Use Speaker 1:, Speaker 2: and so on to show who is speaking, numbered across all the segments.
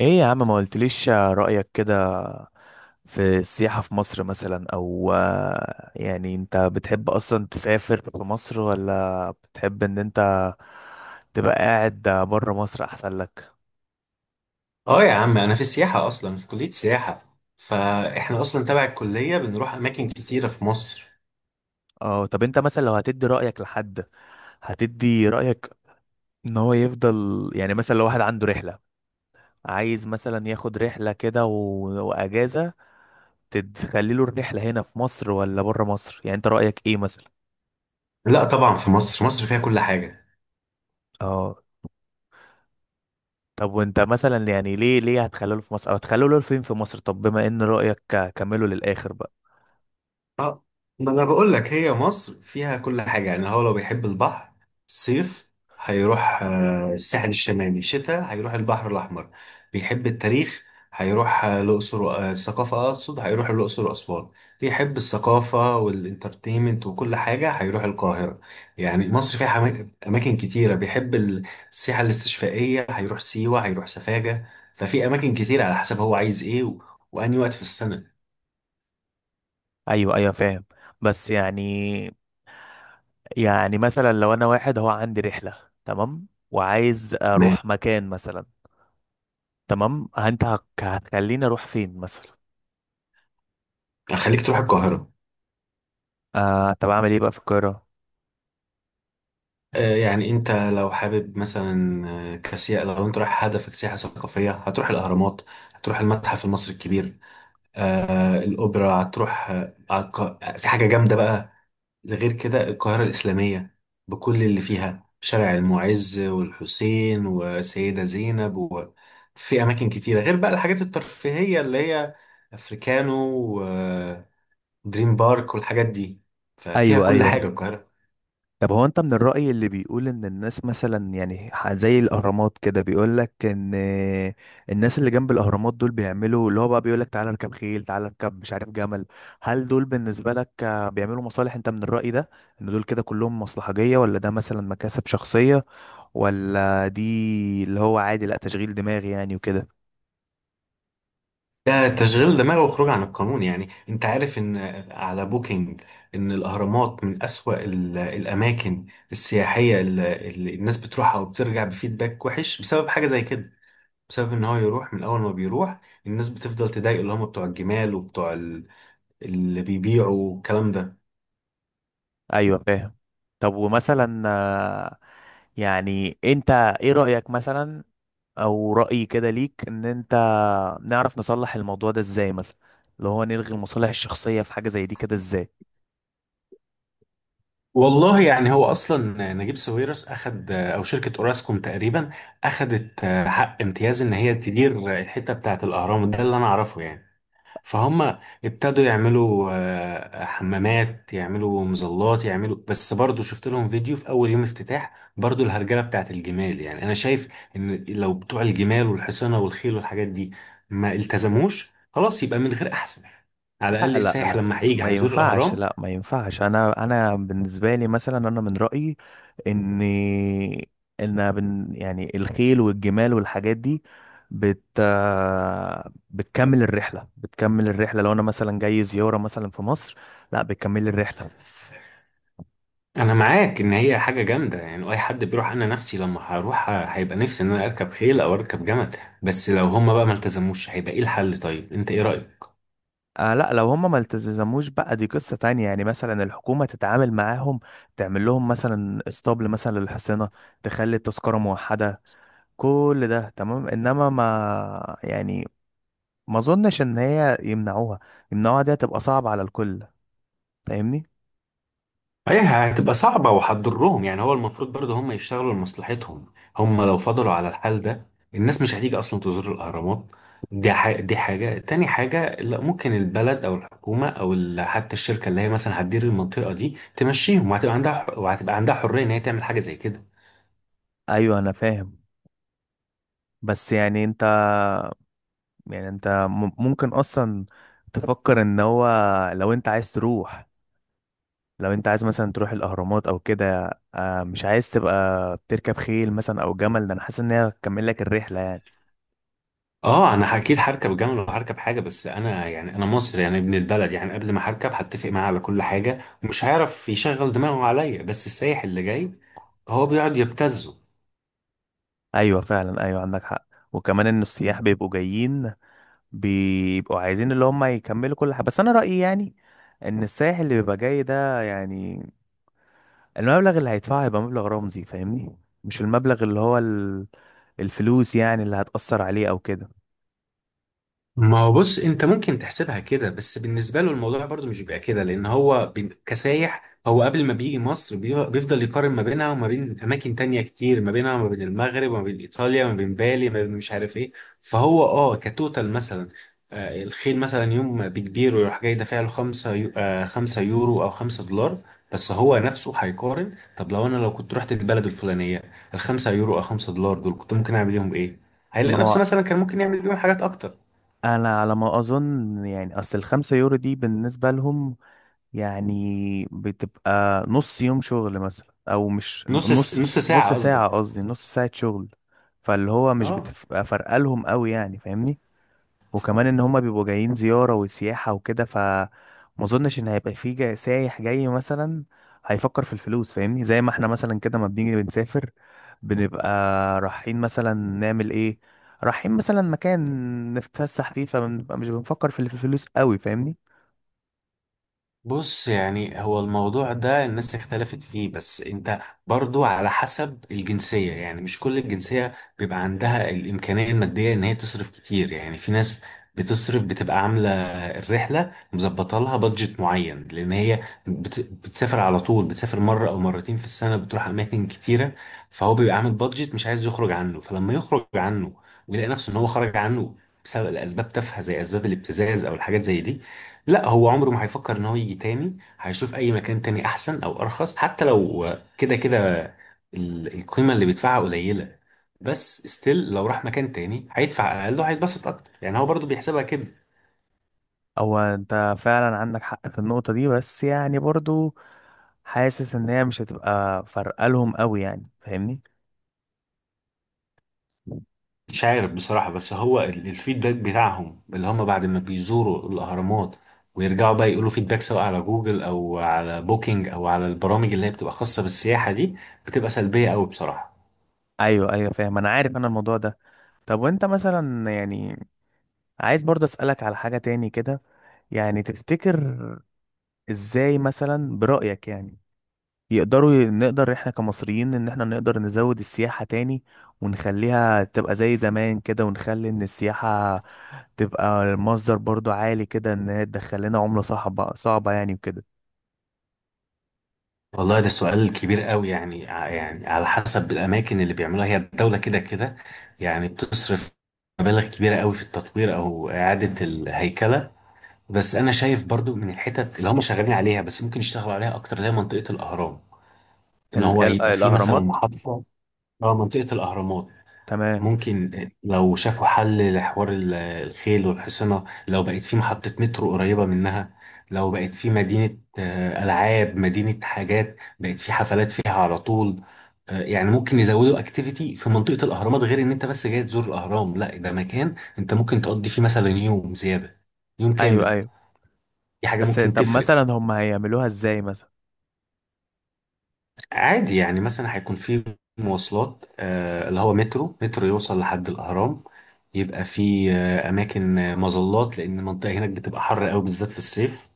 Speaker 1: ايه يا عم، ما قلتليش رأيك كده في السياحة في مصر مثلا، او يعني انت بتحب اصلا تسافر في مصر، ولا بتحب ان انت تبقى قاعد بره مصر احسن لك؟
Speaker 2: اه يا عم، انا في السياحه اصلا، في كليه سياحه. فاحنا اصلا تبع الكليه بنروح اماكن كتيره في مصر.
Speaker 1: اه، طب انت مثلا لو هتدي رأيك لحد، هتدي رأيك ان هو يفضل، يعني مثلا لو واحد عنده رحلة، عايز مثلا ياخد رحلة كده واجازة، تخلي له الرحلة هنا في مصر ولا بره مصر؟ يعني انت رأيك ايه مثلا؟
Speaker 2: لا طبعا، في مصر. مصر فيها كل حاجه.
Speaker 1: اه، طب وانت مثلا، يعني ليه هتخلوه في مصر، او هتخلوه فين في مصر؟ طب بما ان رأيك، كمله للآخر بقى.
Speaker 2: اه ما انا بقول لك، هي مصر فيها كل حاجه. يعني هو لو بيحب البحر صيف، هيروح الساحل الشمالي. شتاء هيروح البحر الاحمر. بيحب التاريخ هيروح الاقصر الثقافه اقصد، هيروح الاقصر واسوان. بيحب الثقافه والانترتينمنت وكل حاجه هيروح القاهره. يعني مصر فيها اماكن كتيره. بيحب السياحه الاستشفائيه هيروح سيوه، هيروح سفاجه. ففي اماكن كتير على حسب هو عايز ايه واني وقت في السنه.
Speaker 1: ايوه ايوه، فاهم. بس يعني مثلا لو انا واحد هو عندي رحلة، تمام، وعايز
Speaker 2: ما
Speaker 1: اروح مكان مثلا، تمام، انت هتخليني اروح فين مثلا؟
Speaker 2: يعني خليك تروح القاهره.
Speaker 1: آه، طب اعمل ايه بقى في القاهرة؟
Speaker 2: يعني انت لو حابب مثلا كسياحة، لو انت رايح هدفك سياحة ثقافية، هتروح الاهرامات، هتروح المتحف المصري الكبير، الاوبرا، هتروح في حاجة جامدة بقى. غير كده القاهرة الإسلامية بكل اللي فيها، شارع المعز والحسين وسيدة زينب، وفي أماكن كتيرة، غير بقى الحاجات الترفيهية اللي هي أفريكانو ودريم بارك والحاجات دي. ففيها
Speaker 1: ايوه
Speaker 2: كل
Speaker 1: ايوه.
Speaker 2: حاجة القاهرة.
Speaker 1: طب هو انت من الرأي اللي بيقول ان الناس مثلا، يعني زي الاهرامات كده، بيقول لك ان الناس اللي جنب الاهرامات دول بيعملوا اللي هو بقى بيقول لك تعالى اركب خيل، تعالى اركب مش عارف جمل. هل دول بالنسبة لك بيعملوا مصالح؟ انت من الرأي ده ان دول كده كلهم مصلحجية، ولا ده مثلا مكاسب شخصية، ولا دي اللي هو عادي، لا تشغيل دماغي يعني وكده؟
Speaker 2: ده تشغيل دماغ وخروج عن القانون. يعني انت عارف ان على بوكينج، ان الاهرامات من اسوأ الاماكن السياحية اللي الناس بتروحها وبترجع بفيدباك وحش بسبب حاجة زي كده. بسبب ان هو يروح، من اول ما بيروح الناس بتفضل تضايق، اللي هم بتوع الجمال وبتوع اللي بيبيعوا الكلام ده.
Speaker 1: ايوه فاهم. طب ومثلا يعني انت ايه رأيك مثلا، او رأي كده ليك، ان انت نعرف نصلح الموضوع ده ازاي مثلا؟ لو هو نلغي المصالح الشخصية في حاجة زي دي كده ازاي؟
Speaker 2: والله يعني، هو اصلا نجيب ساويرس اخد، او شركة اوراسكوم تقريبا، اخدت حق امتياز ان هي تدير الحتة بتاعت الاهرام ده، اللي انا اعرفه يعني. فهم ابتدوا يعملوا حمامات، يعملوا مظلات يعملوا، بس برضو شفت لهم فيديو في اول يوم افتتاح، برضو الهرجله بتاعت الجمال. يعني انا شايف ان لو بتوع الجمال والحصانه والخيل والحاجات دي ما التزموش، خلاص يبقى من غير احسن، على الاقل
Speaker 1: لا لا
Speaker 2: السائح
Speaker 1: لا،
Speaker 2: لما هيجي
Speaker 1: ما
Speaker 2: هيزور
Speaker 1: ينفعش.
Speaker 2: الاهرام.
Speaker 1: لا ما ينفعش. انا بالنسبة لي مثلا، انا من رأيي ان ان يعني الخيل والجمال والحاجات دي بت بتكمل الرحلة. بتكمل الرحلة لو انا مثلا جاي زيارة مثلا في مصر، لا، بتكمل الرحلة.
Speaker 2: انا معاك ان هي حاجه جامده يعني، اي حد بيروح، انا نفسي لما هروح هيبقى نفسي ان انا اركب خيل او اركب جمل. بس لو هم بقى ما التزموش، هيبقى ايه الحل؟ طيب انت ايه رايك؟
Speaker 1: آه لا، لو هم ما التزموش بقى، دي قصة تانية. يعني مثلا الحكومة تتعامل معاهم، تعمل لهم مثلا اسطبل مثلا للحصينة، تخلي التذكرة موحدة، كل ده تمام. انما ما يعني، ما اظنش ان هي يمنعوها. يمنعوها دي هتبقى صعبة على الكل، فاهمني؟
Speaker 2: هي هتبقى صعبة وهتضرهم. يعني هو المفروض برضه هم يشتغلوا لمصلحتهم. هم لو فضلوا على الحال ده، الناس مش هتيجي أصلا تزور الأهرامات. دي حاجة، دي حاجة تاني. حاجة، لا، ممكن البلد أو الحكومة أو حتى الشركة اللي هي مثلا هتدير المنطقة دي تمشيهم، وهتبقى عندها حرية إن هي تعمل حاجة زي كده.
Speaker 1: ايوه انا فاهم. بس يعني انت ممكن اصلا تفكر ان هو لو انت عايز تروح، لو انت عايز مثلا تروح الاهرامات او كده، مش عايز تبقى بتركب خيل مثلا او جمل؟ ده انا حاسس ان هي هتكمل لك الرحله يعني.
Speaker 2: اه انا اكيد هركب جمل وهركب حاجه، بس انا يعني انا مصري، يعني ابن البلد، يعني قبل ما هركب هتفق معاه على كل حاجه، ومش هيعرف يشغل دماغه عليا. بس السايح اللي جاي هو بيقعد يبتزه.
Speaker 1: ايوه فعلا، ايوه عندك حق. وكمان ان السياح بيبقوا جايين، بيبقوا عايزين اللي هم يكملوا كل حاجه. بس انا رايي يعني، ان السائح اللي بيبقى جاي ده يعني المبلغ اللي هيدفعه هيبقى مبلغ رمزي، فاهمني؟ مش المبلغ اللي هو الفلوس يعني اللي هتأثر عليه او كده.
Speaker 2: ما هو بص، انت ممكن تحسبها كده، بس بالنسبه له الموضوع برضو مش بيبقى كده، لان هو كسايح، هو قبل ما بيجي مصر بيفضل يقارن ما بينها وما بين اماكن تانية كتير، ما بينها وما بين المغرب وما بين ايطاليا وما بين بالي، ما بين مش عارف ايه. فهو اه كتوتال مثلا، الخيل مثلا يوم بكبير، ويروح جاي دافع له 5 يو... آه، 5 يورو او 5 دولار. بس هو نفسه هيقارن: طب لو انا، لو كنت رحت البلد الفلانيه، ال 5 يورو او 5 دولار دول كنت ممكن اعمل بيهم ايه؟ هيلاقي
Speaker 1: ما هو
Speaker 2: نفسه مثلا كان ممكن يعمل بيهم حاجات اكتر.
Speaker 1: انا على ما اظن، يعني اصل الـ5 يورو دي بالنسبة لهم يعني بتبقى نص يوم شغل مثلا، او مش نص،
Speaker 2: نص
Speaker 1: نص
Speaker 2: ساعة قصدك.
Speaker 1: ساعة قصدي، نص ساعة شغل. فاللي هو مش
Speaker 2: اه
Speaker 1: بتبقى فارقة لهم قوي، يعني فاهمني؟ وكمان ان هما بيبقوا جايين زيارة وسياحة وكده، فما اظنش ان هيبقى في سايح جاي مثلا هيفكر في الفلوس، فاهمني؟ زي ما احنا مثلا كده، ما بنيجي بنسافر، بنبقى رايحين مثلا نعمل ايه، رايحين مثلا مكان نتفسح فيه، فبنبقى مش بنفكر في الفلوس قوي، فاهمني؟
Speaker 2: بص، يعني هو الموضوع ده الناس اختلفت فيه، بس انت برضو على حسب الجنسية. يعني مش كل الجنسية بيبقى عندها الإمكانية المادية ان هي تصرف كتير. يعني في ناس بتصرف، بتبقى عاملة الرحلة مظبطة لها بادجت معين، لأن هي بتسافر على طول، بتسافر مرة أو مرتين في السنة، بتروح أماكن كتيرة. فهو بيبقى عامل بادجت مش عايز يخرج عنه، فلما يخرج عنه ويلاقي نفسه إن هو خرج عنه بسبب الأسباب تافهة، زي أسباب الابتزاز أو الحاجات زي دي، لا، هو عمره ما هيفكر ان هو يجي تاني. هيشوف اي مكان تاني احسن او ارخص، حتى لو كده كده القيمة اللي بيدفعها قليلة. بس ستيل لو راح مكان تاني هيدفع اقل وهيتبسط اكتر. يعني هو برضو بيحسبها كده.
Speaker 1: هو انت فعلا عندك حق في النقطة دي، بس يعني برضو حاسس ان هي مش هتبقى فرقة لهم قوي، يعني فاهمني؟
Speaker 2: مش عارف بصراحة، بس هو الفيدباك بتاعهم، اللي هم بعد ما بيزوروا الاهرامات ويرجعوا بقى يقولوا فيدباك، سواء على جوجل او على بوكينج او على البرامج اللي هي بتبقى خاصة بالسياحة دي، بتبقى سلبية قوي بصراحة.
Speaker 1: ايوه ايوه فاهم. انا عارف انا الموضوع ده. طب وانت مثلا يعني، عايز برضه اسألك على حاجة تاني كده، يعني تفتكر ازاي مثلا برأيك يعني، نقدر احنا كمصريين ان احنا نقدر نزود السياحة تاني، ونخليها تبقى زي زمان كده؟ ونخلي ان السياحة تبقى مصدر برضو عالي كده، ان هي تدخل لنا عملة صعبة، صعبة يعني وكده.
Speaker 2: والله ده سؤال كبير قوي. يعني يعني على حسب الاماكن اللي بيعملوها. هي الدوله كده كده يعني بتصرف مبالغ كبيره قوي في التطوير او اعاده الهيكله. بس انا شايف برضو من الحتت اللي هم شغالين عليها، بس ممكن يشتغلوا عليها اكتر، اللي هي منطقه الاهرام، ان هو يبقى في مثلا
Speaker 1: الاهرامات.
Speaker 2: محطه. اه، منطقه الاهرامات.
Speaker 1: تمام.
Speaker 2: ممكن لو شافوا حل لحوار الخيل والحصنة، لو بقت في محطة مترو قريبة منها، لو بقت في مدينة ألعاب، مدينة حاجات، بقت في حفلات فيها على طول. يعني ممكن يزودوا اكتيفيتي في منطقة الأهرامات، غير إن أنت بس جاي تزور الأهرام. لا، ده مكان أنت ممكن تقضي فيه مثلا يوم زيادة، يوم
Speaker 1: ايوه
Speaker 2: كامل.
Speaker 1: ايوه.
Speaker 2: دي حاجة
Speaker 1: بس
Speaker 2: ممكن
Speaker 1: طب
Speaker 2: تفرق.
Speaker 1: مثلا هم هيعملوها ازاي مثلا؟
Speaker 2: عادي، يعني مثلا هيكون في مواصلات، اللي هو مترو يوصل لحد الأهرام. يبقى في أماكن، مظلات، لأن المنطقة هناك بتبقى حر أوي بالذات في الصيف.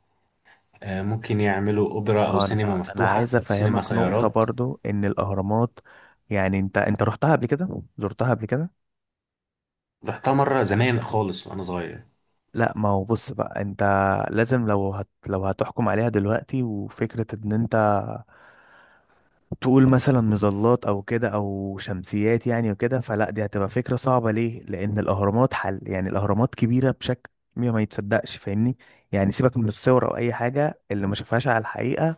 Speaker 2: ممكن يعملوا أوبرا
Speaker 1: ما
Speaker 2: أو
Speaker 1: هو
Speaker 2: سينما
Speaker 1: انا
Speaker 2: مفتوحة،
Speaker 1: عايز
Speaker 2: سينما
Speaker 1: افهمك نقطة
Speaker 2: سيارات.
Speaker 1: برضو ان الاهرامات، يعني انت رحتها قبل كده، زرتها قبل كده؟
Speaker 2: رحتها مرة زمان خالص وأنا صغير.
Speaker 1: لا ما هو بص بقى، انت لازم، لو هتحكم عليها دلوقتي، وفكرة ان انت تقول مثلا مظلات او كده او شمسيات يعني وكده، فلا، دي هتبقى فكرة صعبة. ليه؟ لان الاهرامات حل، يعني الاهرامات كبيرة بشكل ما يتصدقش، فاهمني؟ يعني سيبك من الصور او اي حاجة. اللي ما شافهاش على الحقيقة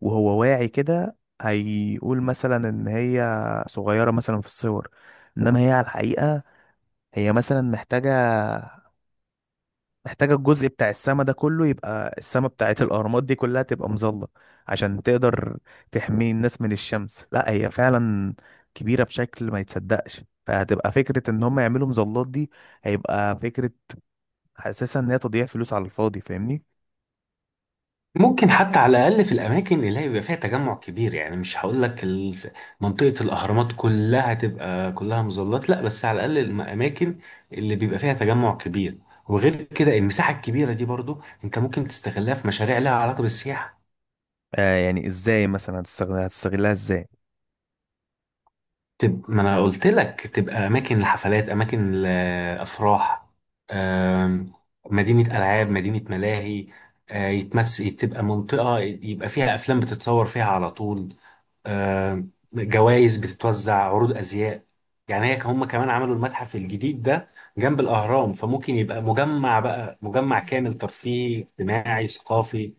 Speaker 1: وهو واعي كده، هيقول مثلا ان هي صغيرة مثلا في الصور، انما هي على الحقيقة، هي مثلا محتاجة، محتاجة الجزء بتاع السما ده كله يبقى، السما بتاعت الأهرامات دي كلها تبقى مظلة عشان تقدر تحمي الناس من الشمس. لا هي فعلا كبيرة بشكل ما يتصدقش، فهتبقى فكرة إن هم يعملوا مظلات دي، هيبقى فكرة حاسسها إن هي تضييع فلوس على الفاضي، فاهمني؟
Speaker 2: ممكن حتى على الأقل في الأماكن اللي هيبقى فيها تجمع كبير. يعني مش هقول لك منطقة الأهرامات كلها تبقى كلها مظلات، لا، بس على الأقل الأماكن اللي بيبقى فيها تجمع كبير. وغير كده المساحة الكبيرة دي برضو أنت ممكن تستغلها في مشاريع لها علاقة بالسياحة.
Speaker 1: آه، يعني إزاي مثلا هتستغلها إزاي؟
Speaker 2: تبقى، ما أنا قلت لك، تبقى أماكن لحفلات، أماكن لأفراح، آم، مدينة ألعاب، مدينة ملاهي، آه، يتمس تبقى منطقة يبقى فيها أفلام بتتصور فيها على طول. آه، جوائز بتتوزع، عروض ازياء. يعني هي، هم كمان عملوا المتحف الجديد ده جنب الاهرام، فممكن يبقى مجمع، بقى مجمع كامل ترفيهي اجتماعي ثقافي.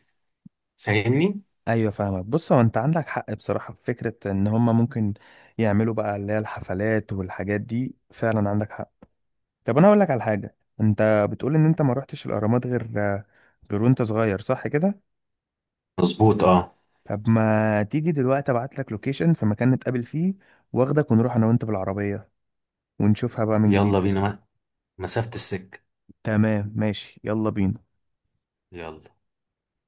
Speaker 2: فاهمني.
Speaker 1: أيوة فاهمك. بص هو أنت عندك حق بصراحة في فكرة إن هم ممكن يعملوا بقى اللي هي الحفلات والحاجات دي، فعلا عندك حق. طب انا اقول لك على حاجه. انت بتقول ان انت ما رحتش الاهرامات غير وانت صغير، صح كده؟
Speaker 2: مظبوط اه.
Speaker 1: طب ما تيجي دلوقتي، ابعت لك لوكيشن في مكان نتقابل فيه، واخدك ونروح انا وانت بالعربيه، ونشوفها بقى من
Speaker 2: يلا
Speaker 1: جديد.
Speaker 2: بينا، مسافة السكة.
Speaker 1: تمام ماشي، يلا بينا.
Speaker 2: يلا.